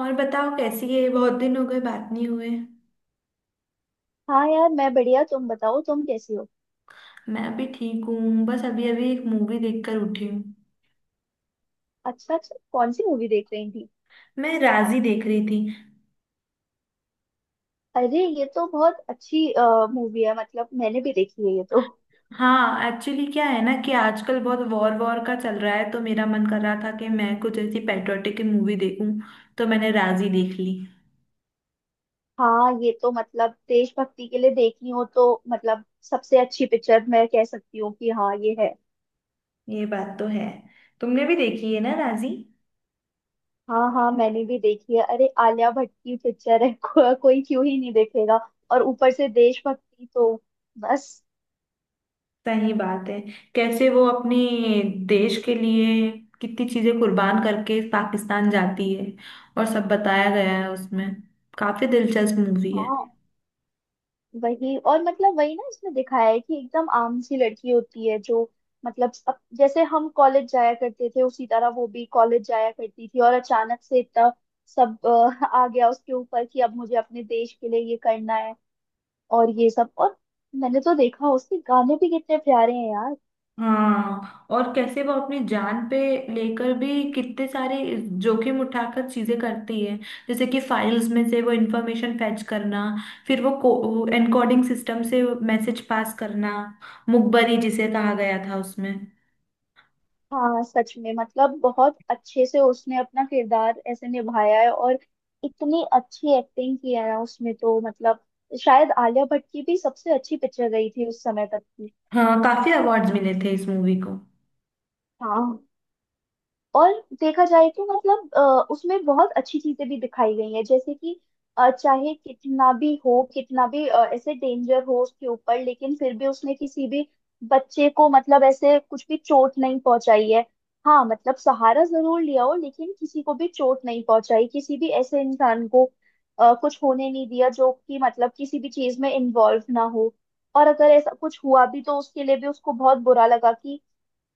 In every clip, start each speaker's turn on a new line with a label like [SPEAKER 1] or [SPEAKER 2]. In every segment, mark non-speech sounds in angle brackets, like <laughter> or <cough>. [SPEAKER 1] और बताओ, कैसी है? बहुत दिन हो गए, बात नहीं हुए।
[SPEAKER 2] हाँ यार, मैं बढ़िया। तुम बताओ, तुम कैसी हो?
[SPEAKER 1] मैं भी ठीक हूँ, बस अभी अभी एक मूवी देखकर उठी हूँ।
[SPEAKER 2] अच्छा अच्छा, कौन सी मूवी देख रही थी?
[SPEAKER 1] मैं राजी देख रही थी।
[SPEAKER 2] अरे ये तो बहुत अच्छी मूवी है। मतलब मैंने भी देखी है ये तो।
[SPEAKER 1] हाँ, एक्चुअली क्या है ना कि आजकल बहुत वॉर वॉर का चल रहा है, तो मेरा मन कर रहा था कि मैं कुछ ऐसी पैट्रियोटिक मूवी देखूं। तो मैंने राजी देख ली।
[SPEAKER 2] हाँ, ये तो मतलब देशभक्ति के लिए देखी हो तो मतलब सबसे अच्छी पिक्चर मैं कह सकती हूँ कि हाँ ये है।
[SPEAKER 1] ये बात तो है। तुमने भी देखी है ना राजी?
[SPEAKER 2] हाँ हाँ, मैंने भी देखी है। अरे आलिया भट्ट की पिक्चर है <laughs> कोई क्यों ही नहीं देखेगा। और ऊपर से देशभक्ति तो बस।
[SPEAKER 1] सही बात है। कैसे वो अपने देश के लिए कितनी चीजें कुर्बान करके पाकिस्तान जाती है, और सब बताया गया है उसमें। काफी दिलचस्प मूवी है।
[SPEAKER 2] हाँ वही। और मतलब वही ना, इसमें दिखाया है कि एकदम आम सी लड़की होती है जो, मतलब अब जैसे हम कॉलेज जाया करते थे उसी तरह वो भी कॉलेज जाया करती थी, और अचानक से इतना सब <laughs> आ गया उसके ऊपर कि अब मुझे अपने देश के लिए ये करना है और ये सब। और मैंने तो देखा, उसके गाने भी कितने प्यारे हैं यार।
[SPEAKER 1] हाँ, और कैसे वो अपनी जान पे लेकर भी कितने सारे जोखिम उठाकर चीजें करती है, जैसे कि फाइल्स में से वो इंफॉर्मेशन फैच करना, फिर वो एनकोडिंग सिस्टम से मैसेज पास करना, मुखबरी जिसे कहा गया था उसमें।
[SPEAKER 2] हाँ सच में, मतलब बहुत अच्छे से उसने अपना किरदार ऐसे निभाया है, और इतनी अच्छी एक्टिंग की है ना उसमें तो, मतलब शायद आलिया भट्ट की भी सबसे अच्छी पिक्चर गई थी उस समय तक की।
[SPEAKER 1] हाँ, काफी अवार्ड्स मिले थे इस मूवी को।
[SPEAKER 2] हाँ। और देखा जाए तो मतलब उसमें बहुत अच्छी चीजें भी दिखाई गई हैं। जैसे कि चाहे कितना भी हो, कितना भी ऐसे डेंजर हो उसके ऊपर, लेकिन फिर भी उसने किसी भी बच्चे को मतलब ऐसे कुछ भी चोट नहीं पहुंचाई है। हाँ मतलब सहारा जरूर लिया हो, लेकिन किसी को भी चोट नहीं पहुंचाई, किसी भी ऐसे इंसान को कुछ होने नहीं दिया, जो कि मतलब किसी भी चीज में इन्वॉल्व ना हो। और अगर ऐसा कुछ हुआ भी तो उसके लिए भी उसको बहुत बुरा लगा कि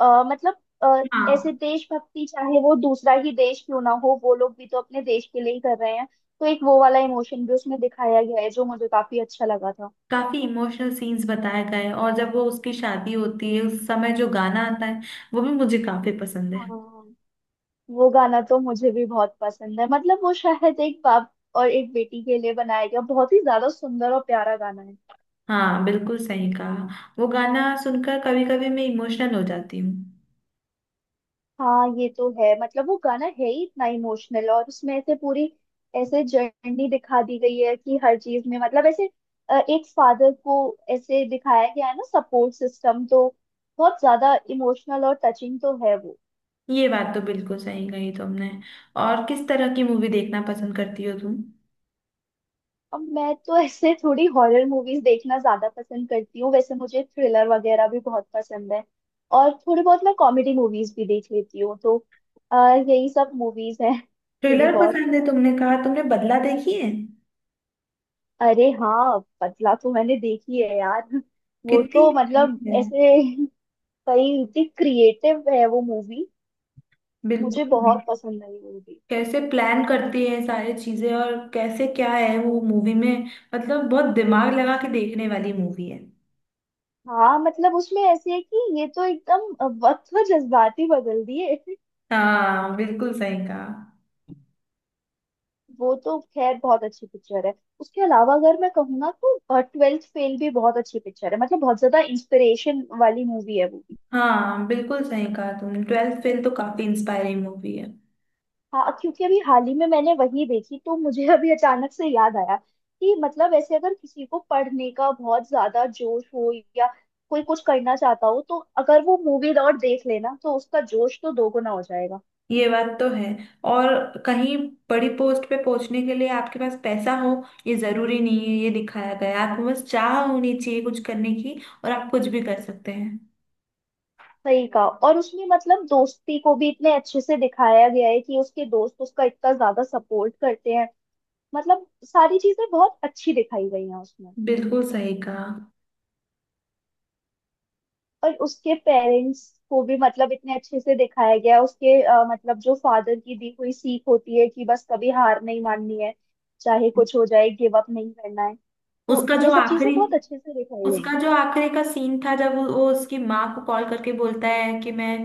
[SPEAKER 2] अ, मतलब अ, ऐसे
[SPEAKER 1] हाँ,
[SPEAKER 2] देशभक्ति, चाहे वो दूसरा ही देश क्यों ना हो, वो लोग भी तो अपने देश के लिए ही कर रहे हैं। तो एक वो वाला इमोशन भी उसमें दिखाया गया है, जो मुझे काफी अच्छा लगा था।
[SPEAKER 1] काफी इमोशनल सीन्स बताए गए हैं, और जब वो उसकी शादी होती है उस समय जो गाना आता है, वो भी मुझे काफी पसंद है।
[SPEAKER 2] हाँ, वो गाना तो मुझे भी बहुत पसंद है। मतलब वो शायद एक बाप और एक बेटी के लिए बनाया गया बहुत ही ज्यादा सुंदर और प्यारा गाना है।
[SPEAKER 1] हाँ, बिल्कुल सही कहा। वो गाना सुनकर कभी कभी मैं इमोशनल हो जाती हूँ।
[SPEAKER 2] हाँ ये तो है, मतलब वो गाना है ही इतना इमोशनल, और उसमें ऐसे पूरी ऐसे जर्नी दिखा दी गई है कि हर चीज में मतलब ऐसे एक फादर को ऐसे दिखाया गया है ना, सपोर्ट सिस्टम तो बहुत ज्यादा इमोशनल और टचिंग तो है वो।
[SPEAKER 1] ये बात तो बिल्कुल सही कही तुमने। और किस तरह की मूवी देखना पसंद करती हो तुम?
[SPEAKER 2] अब मैं तो ऐसे थोड़ी हॉरर मूवीज देखना ज्यादा पसंद करती हूँ। वैसे मुझे थ्रिलर वगैरह भी बहुत पसंद है, और थोड़ी बहुत मैं कॉमेडी मूवीज भी देख लेती हूँ। तो यही सब मूवीज हैं थोड़ी
[SPEAKER 1] थ्रिलर
[SPEAKER 2] बहुत।
[SPEAKER 1] पसंद है, तुमने कहा, तुमने बदला देखी है?
[SPEAKER 2] अरे हाँ, पतला तो मैंने देखी है यार। वो
[SPEAKER 1] कितनी
[SPEAKER 2] तो
[SPEAKER 1] अच्छी
[SPEAKER 2] मतलब
[SPEAKER 1] है।
[SPEAKER 2] ऐसे कई इतनी क्रिएटिव है वो मूवी। मुझे
[SPEAKER 1] बिल्कुल भी।
[SPEAKER 2] बहुत पसंद आई मूवी।
[SPEAKER 1] कैसे प्लान करती है सारी चीजें, और कैसे क्या है वो मूवी में, मतलब बहुत दिमाग लगा के देखने वाली मूवी है।
[SPEAKER 2] हाँ मतलब उसमें ऐसे है कि ये तो एकदम वक्त व जज्बाती बदल दिए।
[SPEAKER 1] हाँ, बिल्कुल सही कहा।
[SPEAKER 2] वो तो खैर बहुत अच्छी पिक्चर है। उसके अलावा अगर मैं कहूँ ना तो ट्वेल्थ फेल भी बहुत अच्छी पिक्चर है। मतलब बहुत ज्यादा इंस्पिरेशन वाली मूवी है वो।
[SPEAKER 1] हाँ, बिल्कुल सही कहा तुमने, 12th फेल तो काफी इंस्पायरिंग मूवी है।
[SPEAKER 2] हाँ, क्योंकि अभी हाल ही में मैंने वही देखी तो मुझे <laughs> अभी अचानक से याद आया कि मतलब ऐसे अगर किसी को पढ़ने का बहुत ज्यादा जोश हो, या कोई कुछ करना चाहता हो, तो अगर वो मूवी लौट देख लेना तो उसका जोश तो दोगुना हो जाएगा।
[SPEAKER 1] ये बात तो है। और कहीं बड़ी पोस्ट पे पहुंचने के लिए आपके पास पैसा हो, ये जरूरी नहीं है। ये दिखाया गया है, आपको बस चाह होनी चाहिए कुछ करने की, और आप कुछ भी कर सकते हैं।
[SPEAKER 2] सही कहा। और उसमें मतलब दोस्ती को भी इतने अच्छे से दिखाया गया है कि उसके दोस्त उसका इतना ज्यादा सपोर्ट करते हैं। मतलब सारी चीजें बहुत अच्छी दिखाई गई हैं उसमें।
[SPEAKER 1] बिल्कुल सही कहा।
[SPEAKER 2] और उसके पेरेंट्स को भी मतलब इतने अच्छे से दिखाया गया है। उसके मतलब जो फादर की दी हुई सीख होती है कि बस कभी हार नहीं माननी है, चाहे कुछ हो जाए, गिव अप नहीं करना है। तो
[SPEAKER 1] उसका
[SPEAKER 2] ये
[SPEAKER 1] जो
[SPEAKER 2] सब
[SPEAKER 1] आखिरी
[SPEAKER 2] चीजें बहुत अच्छे से दिखाई गई
[SPEAKER 1] उसका
[SPEAKER 2] हैं।
[SPEAKER 1] जो आखिरी का सीन था, जब वो उसकी माँ को कॉल करके बोलता है कि मैं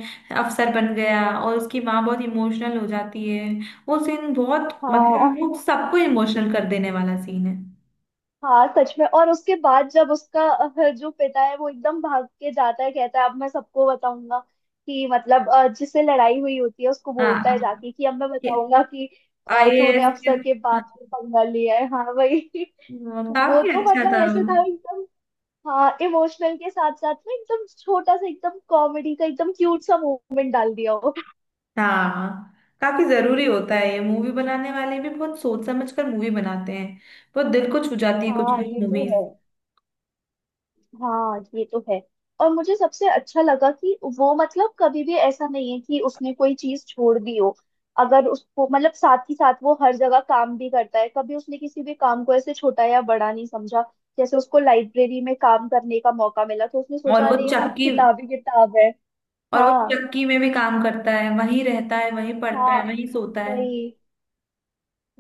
[SPEAKER 1] अफसर बन गया, और उसकी माँ बहुत इमोशनल हो जाती है। वो सीन बहुत,
[SPEAKER 2] हाँ।
[SPEAKER 1] मतलब वो सबको इमोशनल कर देने वाला सीन है।
[SPEAKER 2] हाँ सच में। और उसके बाद जब उसका जो पिता है वो एकदम भाग के जाता है, कहता है अब मैं सबको बताऊंगा कि मतलब जिससे लड़ाई हुई होती है उसको बोलता है
[SPEAKER 1] हाँ,
[SPEAKER 2] जाके कि अब मैं
[SPEAKER 1] ये
[SPEAKER 2] बताऊंगा कि तूने
[SPEAKER 1] आईएएस के।
[SPEAKER 2] अफसर के
[SPEAKER 1] हाँ,
[SPEAKER 2] बाप से पंगा लिया है। हाँ वही।
[SPEAKER 1] वो
[SPEAKER 2] वो
[SPEAKER 1] काफी
[SPEAKER 2] तो
[SPEAKER 1] अच्छा
[SPEAKER 2] मतलब
[SPEAKER 1] था वो।
[SPEAKER 2] ऐसे था एकदम। हाँ, इमोशनल के साथ साथ में एकदम छोटा सा एकदम कॉमेडी का एकदम क्यूट सा मोमेंट डाल दिया हो।
[SPEAKER 1] हाँ, काफी जरूरी होता है। ये मूवी बनाने वाले भी बहुत सोच समझ कर मूवी बनाते हैं। बहुत दिल को छू जाती है कुछ
[SPEAKER 2] हाँ
[SPEAKER 1] कुछ
[SPEAKER 2] ये तो
[SPEAKER 1] मूवीज।
[SPEAKER 2] है। हाँ ये तो है। और मुझे सबसे अच्छा लगा कि वो मतलब कभी भी ऐसा नहीं है कि उसने कोई चीज छोड़ दी हो। अगर उसको मतलब साथ ही साथ वो हर जगह काम भी करता है, कभी उसने किसी भी काम को ऐसे छोटा या बड़ा नहीं समझा। जैसे उसको लाइब्रेरी में काम करने का मौका मिला तो उसने
[SPEAKER 1] और
[SPEAKER 2] सोचा
[SPEAKER 1] वो
[SPEAKER 2] अरे यहाँ
[SPEAKER 1] चक्की
[SPEAKER 2] किताबी किताब है।
[SPEAKER 1] और वो
[SPEAKER 2] हाँ।
[SPEAKER 1] चक्की में भी काम करता है, वहीं रहता है, वहीं पढ़ता है,
[SPEAKER 2] हाँ
[SPEAKER 1] वहीं सोता है।
[SPEAKER 2] वही।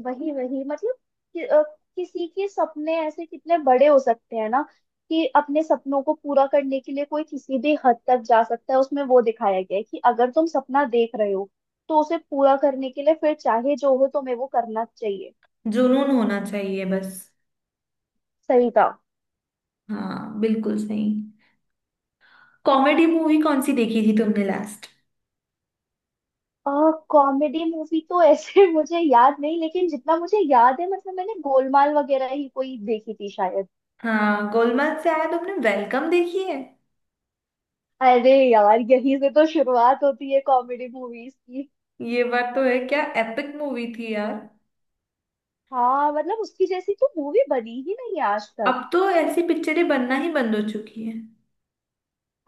[SPEAKER 2] वही वही, मतलब कि, अ, किसी के सपने ऐसे कितने बड़े हो सकते हैं ना, कि अपने सपनों को पूरा करने के लिए कोई किसी भी हद तक जा सकता है। उसमें वो दिखाया गया है कि अगर तुम सपना देख रहे हो तो उसे पूरा करने के लिए फिर चाहे जो हो, तुम्हें वो करना चाहिए।
[SPEAKER 1] जुनून होना चाहिए बस।
[SPEAKER 2] सही था।
[SPEAKER 1] हाँ, बिल्कुल सही। कॉमेडी मूवी कौन सी देखी थी तुमने लास्ट?
[SPEAKER 2] कॉमेडी मूवी तो ऐसे <laughs> मुझे याद नहीं, लेकिन जितना मुझे याद है मतलब मैंने गोलमाल वगैरह ही कोई देखी थी शायद।
[SPEAKER 1] हाँ, गोलमाल से आया, तुमने वेलकम देखी है?
[SPEAKER 2] अरे यार, यहीं से तो शुरुआत होती है कॉमेडी मूवीज की।
[SPEAKER 1] ये बात तो है, क्या एपिक मूवी थी यार।
[SPEAKER 2] हाँ मतलब उसकी जैसी तो मूवी बनी ही नहीं आज तक।
[SPEAKER 1] अब तो ऐसी पिक्चरें बनना ही बंद हो चुकी है।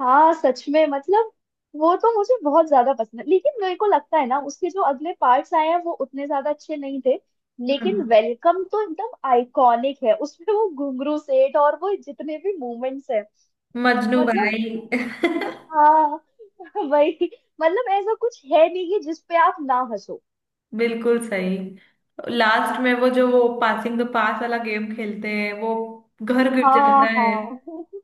[SPEAKER 2] हाँ सच में मतलब वो तो मुझे बहुत ज्यादा पसंद है, लेकिन मेरे को लगता है ना उसके जो अगले पार्ट्स आए हैं वो उतने ज्यादा अच्छे नहीं थे। लेकिन
[SPEAKER 1] हम्म।
[SPEAKER 2] वेलकम तो एकदम आइकॉनिक है, उसमें वो घुंघरू सेठ और वो जितने भी मूवमेंट्स हैं
[SPEAKER 1] मजनू
[SPEAKER 2] मतलब।
[SPEAKER 1] भाई। <laughs>
[SPEAKER 2] हाँ। <laughs> वही। मतलब ऐसा कुछ है नहीं कि जिस पे आप ना हंसो।
[SPEAKER 1] बिल्कुल सही। लास्ट में वो जो वो पासिंग द पास वाला गेम खेलते हैं, वो घर गिर
[SPEAKER 2] हाँ
[SPEAKER 1] जाता है।
[SPEAKER 2] हाँ <laughs>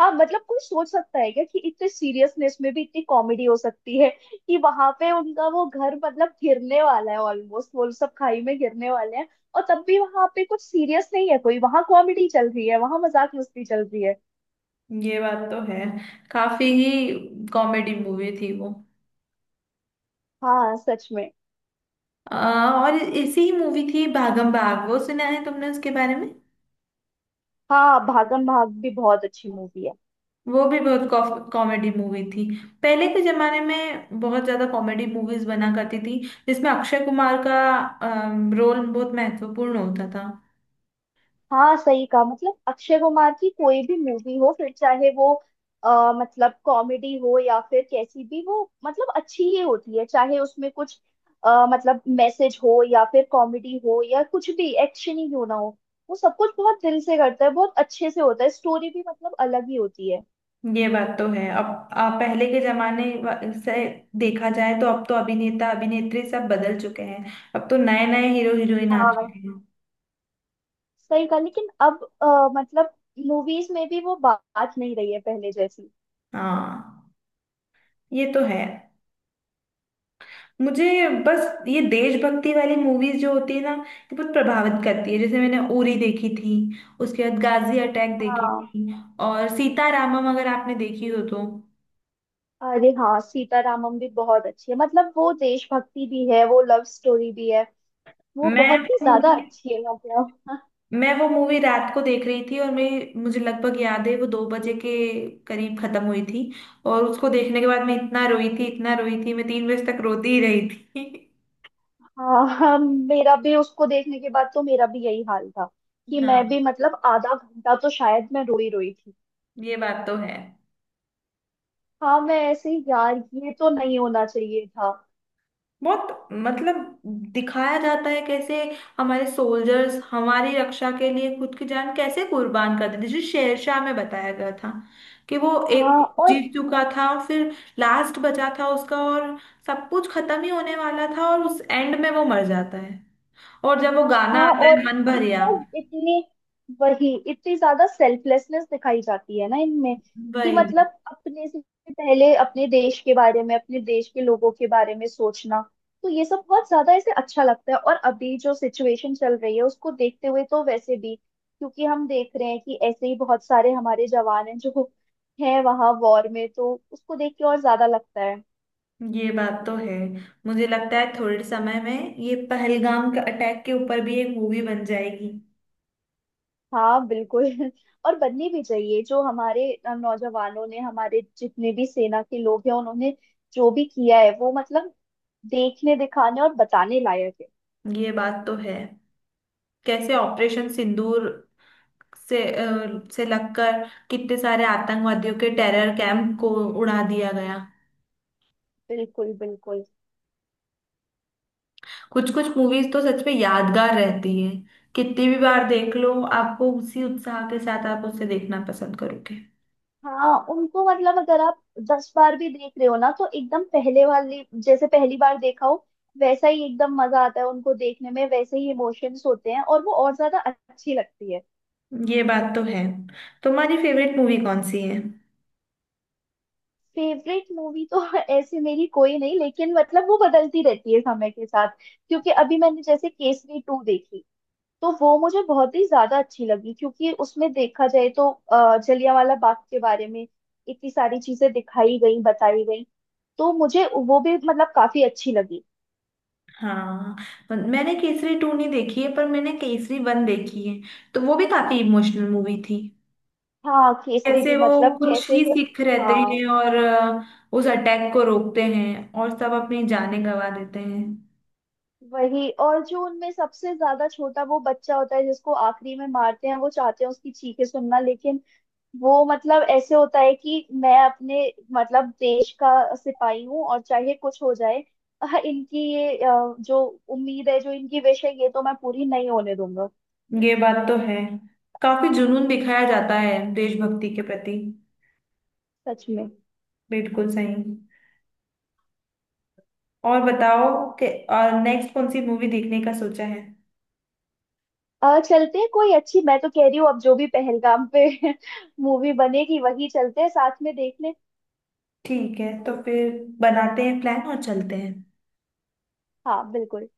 [SPEAKER 2] हाँ, मतलब कोई सोच सकता है क्या कि इतने सीरियसनेस में भी इतनी कॉमेडी हो सकती है, कि वहां पे उनका वो घर मतलब गिरने वाला है, ऑलमोस्ट वो सब खाई में गिरने वाले हैं, और तब भी वहां पे कुछ सीरियस नहीं है, कोई वहां कॉमेडी चल रही है, वहां मजाक मस्ती चल रही है।
[SPEAKER 1] ये बात तो है, काफी ही कॉमेडी मूवी थी वो।
[SPEAKER 2] हाँ सच में।
[SPEAKER 1] और ऐसी ही मूवी थी भागम भाग, वो सुना है तुमने उसके बारे में?
[SPEAKER 2] हाँ भागम भाग भी बहुत अच्छी मूवी है।
[SPEAKER 1] वो भी बहुत कॉमेडी मूवी थी। पहले के जमाने में बहुत ज्यादा कॉमेडी मूवीज बना करती थी, जिसमें अक्षय कुमार का रोल बहुत महत्वपूर्ण होता था।
[SPEAKER 2] हाँ सही कहा, मतलब अक्षय कुमार की कोई भी मूवी हो, फिर चाहे वो मतलब कॉमेडी हो या फिर कैसी भी, वो मतलब अच्छी ही होती है। चाहे उसमें कुछ मतलब मैसेज हो या फिर कॉमेडी हो या कुछ भी एक्शन ही क्यों ना हो, वो सब कुछ बहुत दिल से करता है, बहुत अच्छे से होता है, स्टोरी भी मतलब अलग ही होती है।
[SPEAKER 1] ये बात तो है अब। पहले के जमाने से देखा जाए तो अब तो अभिनेता अभिनेत्री सब बदल चुके हैं। अब तो नए नए हीरो हीरोइन आ चुके
[SPEAKER 2] हाँ
[SPEAKER 1] हैं।
[SPEAKER 2] सही कहा, लेकिन अब मतलब मूवीज में भी वो बात नहीं रही है पहले जैसी।
[SPEAKER 1] हाँ, ये तो है। मुझे बस ये देशभक्ति वाली मूवीज जो होती है ना, ये बहुत प्रभावित करती है। जैसे मैंने उरी देखी थी, उसके बाद गाजी अटैक देखी
[SPEAKER 2] हाँ।
[SPEAKER 1] थी, और सीतारामम अगर आपने देखी हो तो।
[SPEAKER 2] अरे हाँ, सीतारामम भी बहुत अच्छी है, मतलब वो देशभक्ति भी है वो लव स्टोरी भी है। वो
[SPEAKER 1] मैं
[SPEAKER 2] बहुत ही
[SPEAKER 1] वो
[SPEAKER 2] ज्यादा
[SPEAKER 1] मूवी
[SPEAKER 2] अच्छी है मतलब।
[SPEAKER 1] मैं वो मूवी रात को देख रही थी, और मैं मुझे लगभग याद है वो 2 बजे के करीब खत्म हुई थी। और उसको देखने के बाद मैं इतना रोई थी इतना रोई थी, मैं 3 बजे तक रोती ही रही थी।
[SPEAKER 2] हाँ हाँ, मेरा भी उसको देखने के बाद तो मेरा भी यही हाल था
[SPEAKER 1] <laughs>
[SPEAKER 2] कि मैं
[SPEAKER 1] हाँ,
[SPEAKER 2] भी मतलब आधा घंटा तो शायद मैं रोई रोई थी।
[SPEAKER 1] ये बात तो है।
[SPEAKER 2] हाँ, मैं ऐसे ही यार, ये तो नहीं होना चाहिए था।
[SPEAKER 1] बहुत मतलब दिखाया जाता है कैसे हमारे सोल्जर्स हमारी रक्षा के लिए खुद की जान कैसे कुर्बान कर देते, जो शेरशाह में बताया गया था कि वो एक
[SPEAKER 2] हाँ और
[SPEAKER 1] जीत चुका था, और फिर लास्ट बचा था उसका, और सब कुछ खत्म ही होने वाला था, और उस एंड में वो मर जाता है। और जब वो गाना
[SPEAKER 2] हाँ
[SPEAKER 1] आता है
[SPEAKER 2] और
[SPEAKER 1] मन भरिया।
[SPEAKER 2] इतना इतने वही, इतनी ज्यादा सेल्फलेसनेस दिखाई जाती है ना इनमें, कि
[SPEAKER 1] वही।
[SPEAKER 2] मतलब अपने से पहले अपने देश के बारे में, अपने देश के लोगों के बारे में सोचना। तो ये सब बहुत ज्यादा ऐसे अच्छा लगता है, और अभी जो सिचुएशन चल रही है उसको देखते हुए तो वैसे भी, क्योंकि हम देख रहे हैं कि ऐसे ही बहुत सारे हमारे जवान हैं जो हैं वहां वॉर में, तो उसको देख के और ज्यादा लगता है।
[SPEAKER 1] ये बात तो है। मुझे लगता है थोड़े समय में ये पहलगाम का अटैक के ऊपर भी एक मूवी बन जाएगी।
[SPEAKER 2] हाँ बिल्कुल <laughs> और बननी भी चाहिए, जो हमारे नौजवानों ने, हमारे जितने भी सेना के लोग हैं उन्होंने जो भी किया है वो मतलब देखने दिखाने और बताने लायक है।
[SPEAKER 1] ये बात तो है। कैसे ऑपरेशन सिंदूर से से लगकर कितने सारे आतंकवादियों के टेरर कैंप को उड़ा दिया गया।
[SPEAKER 2] बिल्कुल बिल्कुल।
[SPEAKER 1] कुछ कुछ मूवीज तो सच में यादगार रहती है, कितनी भी बार देख लो, आपको उसी उत्साह के साथ आप उसे देखना पसंद करोगे।
[SPEAKER 2] हाँ उनको मतलब अगर आप 10 बार भी देख रहे हो ना, तो एकदम पहले वाली जैसे पहली बार देखा हो वैसा ही एकदम मजा आता है उनको देखने में, वैसे ही इमोशंस होते हैं और वो और ज्यादा अच्छी लगती है।
[SPEAKER 1] ये बात तो है। तुम्हारी फेवरेट मूवी कौन सी है?
[SPEAKER 2] फेवरेट मूवी तो <laughs> ऐसे मेरी कोई नहीं, लेकिन मतलब वो बदलती रहती है समय के साथ। क्योंकि अभी मैंने जैसे केसरी टू देखी, तो वो मुझे बहुत ही ज्यादा अच्छी लगी, क्योंकि उसमें देखा जाए तो जलियांवाला बाग के बारे में इतनी सारी चीजें दिखाई गई बताई गई। तो मुझे वो भी मतलब काफी अच्छी लगी।
[SPEAKER 1] हाँ, मैंने केसरी 2 नहीं देखी है, पर मैंने केसरी 1 देखी है, तो वो भी काफी इमोशनल मूवी थी।
[SPEAKER 2] हाँ केसरी
[SPEAKER 1] कैसे
[SPEAKER 2] भी
[SPEAKER 1] वो
[SPEAKER 2] मतलब
[SPEAKER 1] कुछ
[SPEAKER 2] कैसे
[SPEAKER 1] ही
[SPEAKER 2] से।
[SPEAKER 1] सिख रहते हैं,
[SPEAKER 2] हाँ
[SPEAKER 1] और उस अटैक को रोकते हैं, और सब अपनी जानें गंवा देते हैं।
[SPEAKER 2] वही, और जो उनमें सबसे ज्यादा छोटा वो बच्चा होता है जिसको आखिरी में मारते हैं, वो चाहते हैं उसकी चीखें सुनना, लेकिन वो मतलब ऐसे होता है कि मैं अपने मतलब देश का सिपाही हूँ और चाहे कुछ हो जाए <laughs> इनकी ये जो उम्मीद है, जो इनकी विश है, ये तो मैं पूरी नहीं होने दूंगा।
[SPEAKER 1] ये बात तो है, काफी जुनून दिखाया जाता है देशभक्ति के प्रति।
[SPEAKER 2] सच में।
[SPEAKER 1] बिल्कुल सही। और बताओ कि और नेक्स्ट कौन सी मूवी देखने का सोचा है?
[SPEAKER 2] चलते हैं कोई अच्छी, मैं तो कह रही हूँ अब जो भी पहलगाम पे <laughs> मूवी बनेगी वही चलते हैं साथ में देखने।
[SPEAKER 1] ठीक है, तो फिर बनाते हैं प्लान और चलते हैं।
[SPEAKER 2] हाँ बिल्कुल।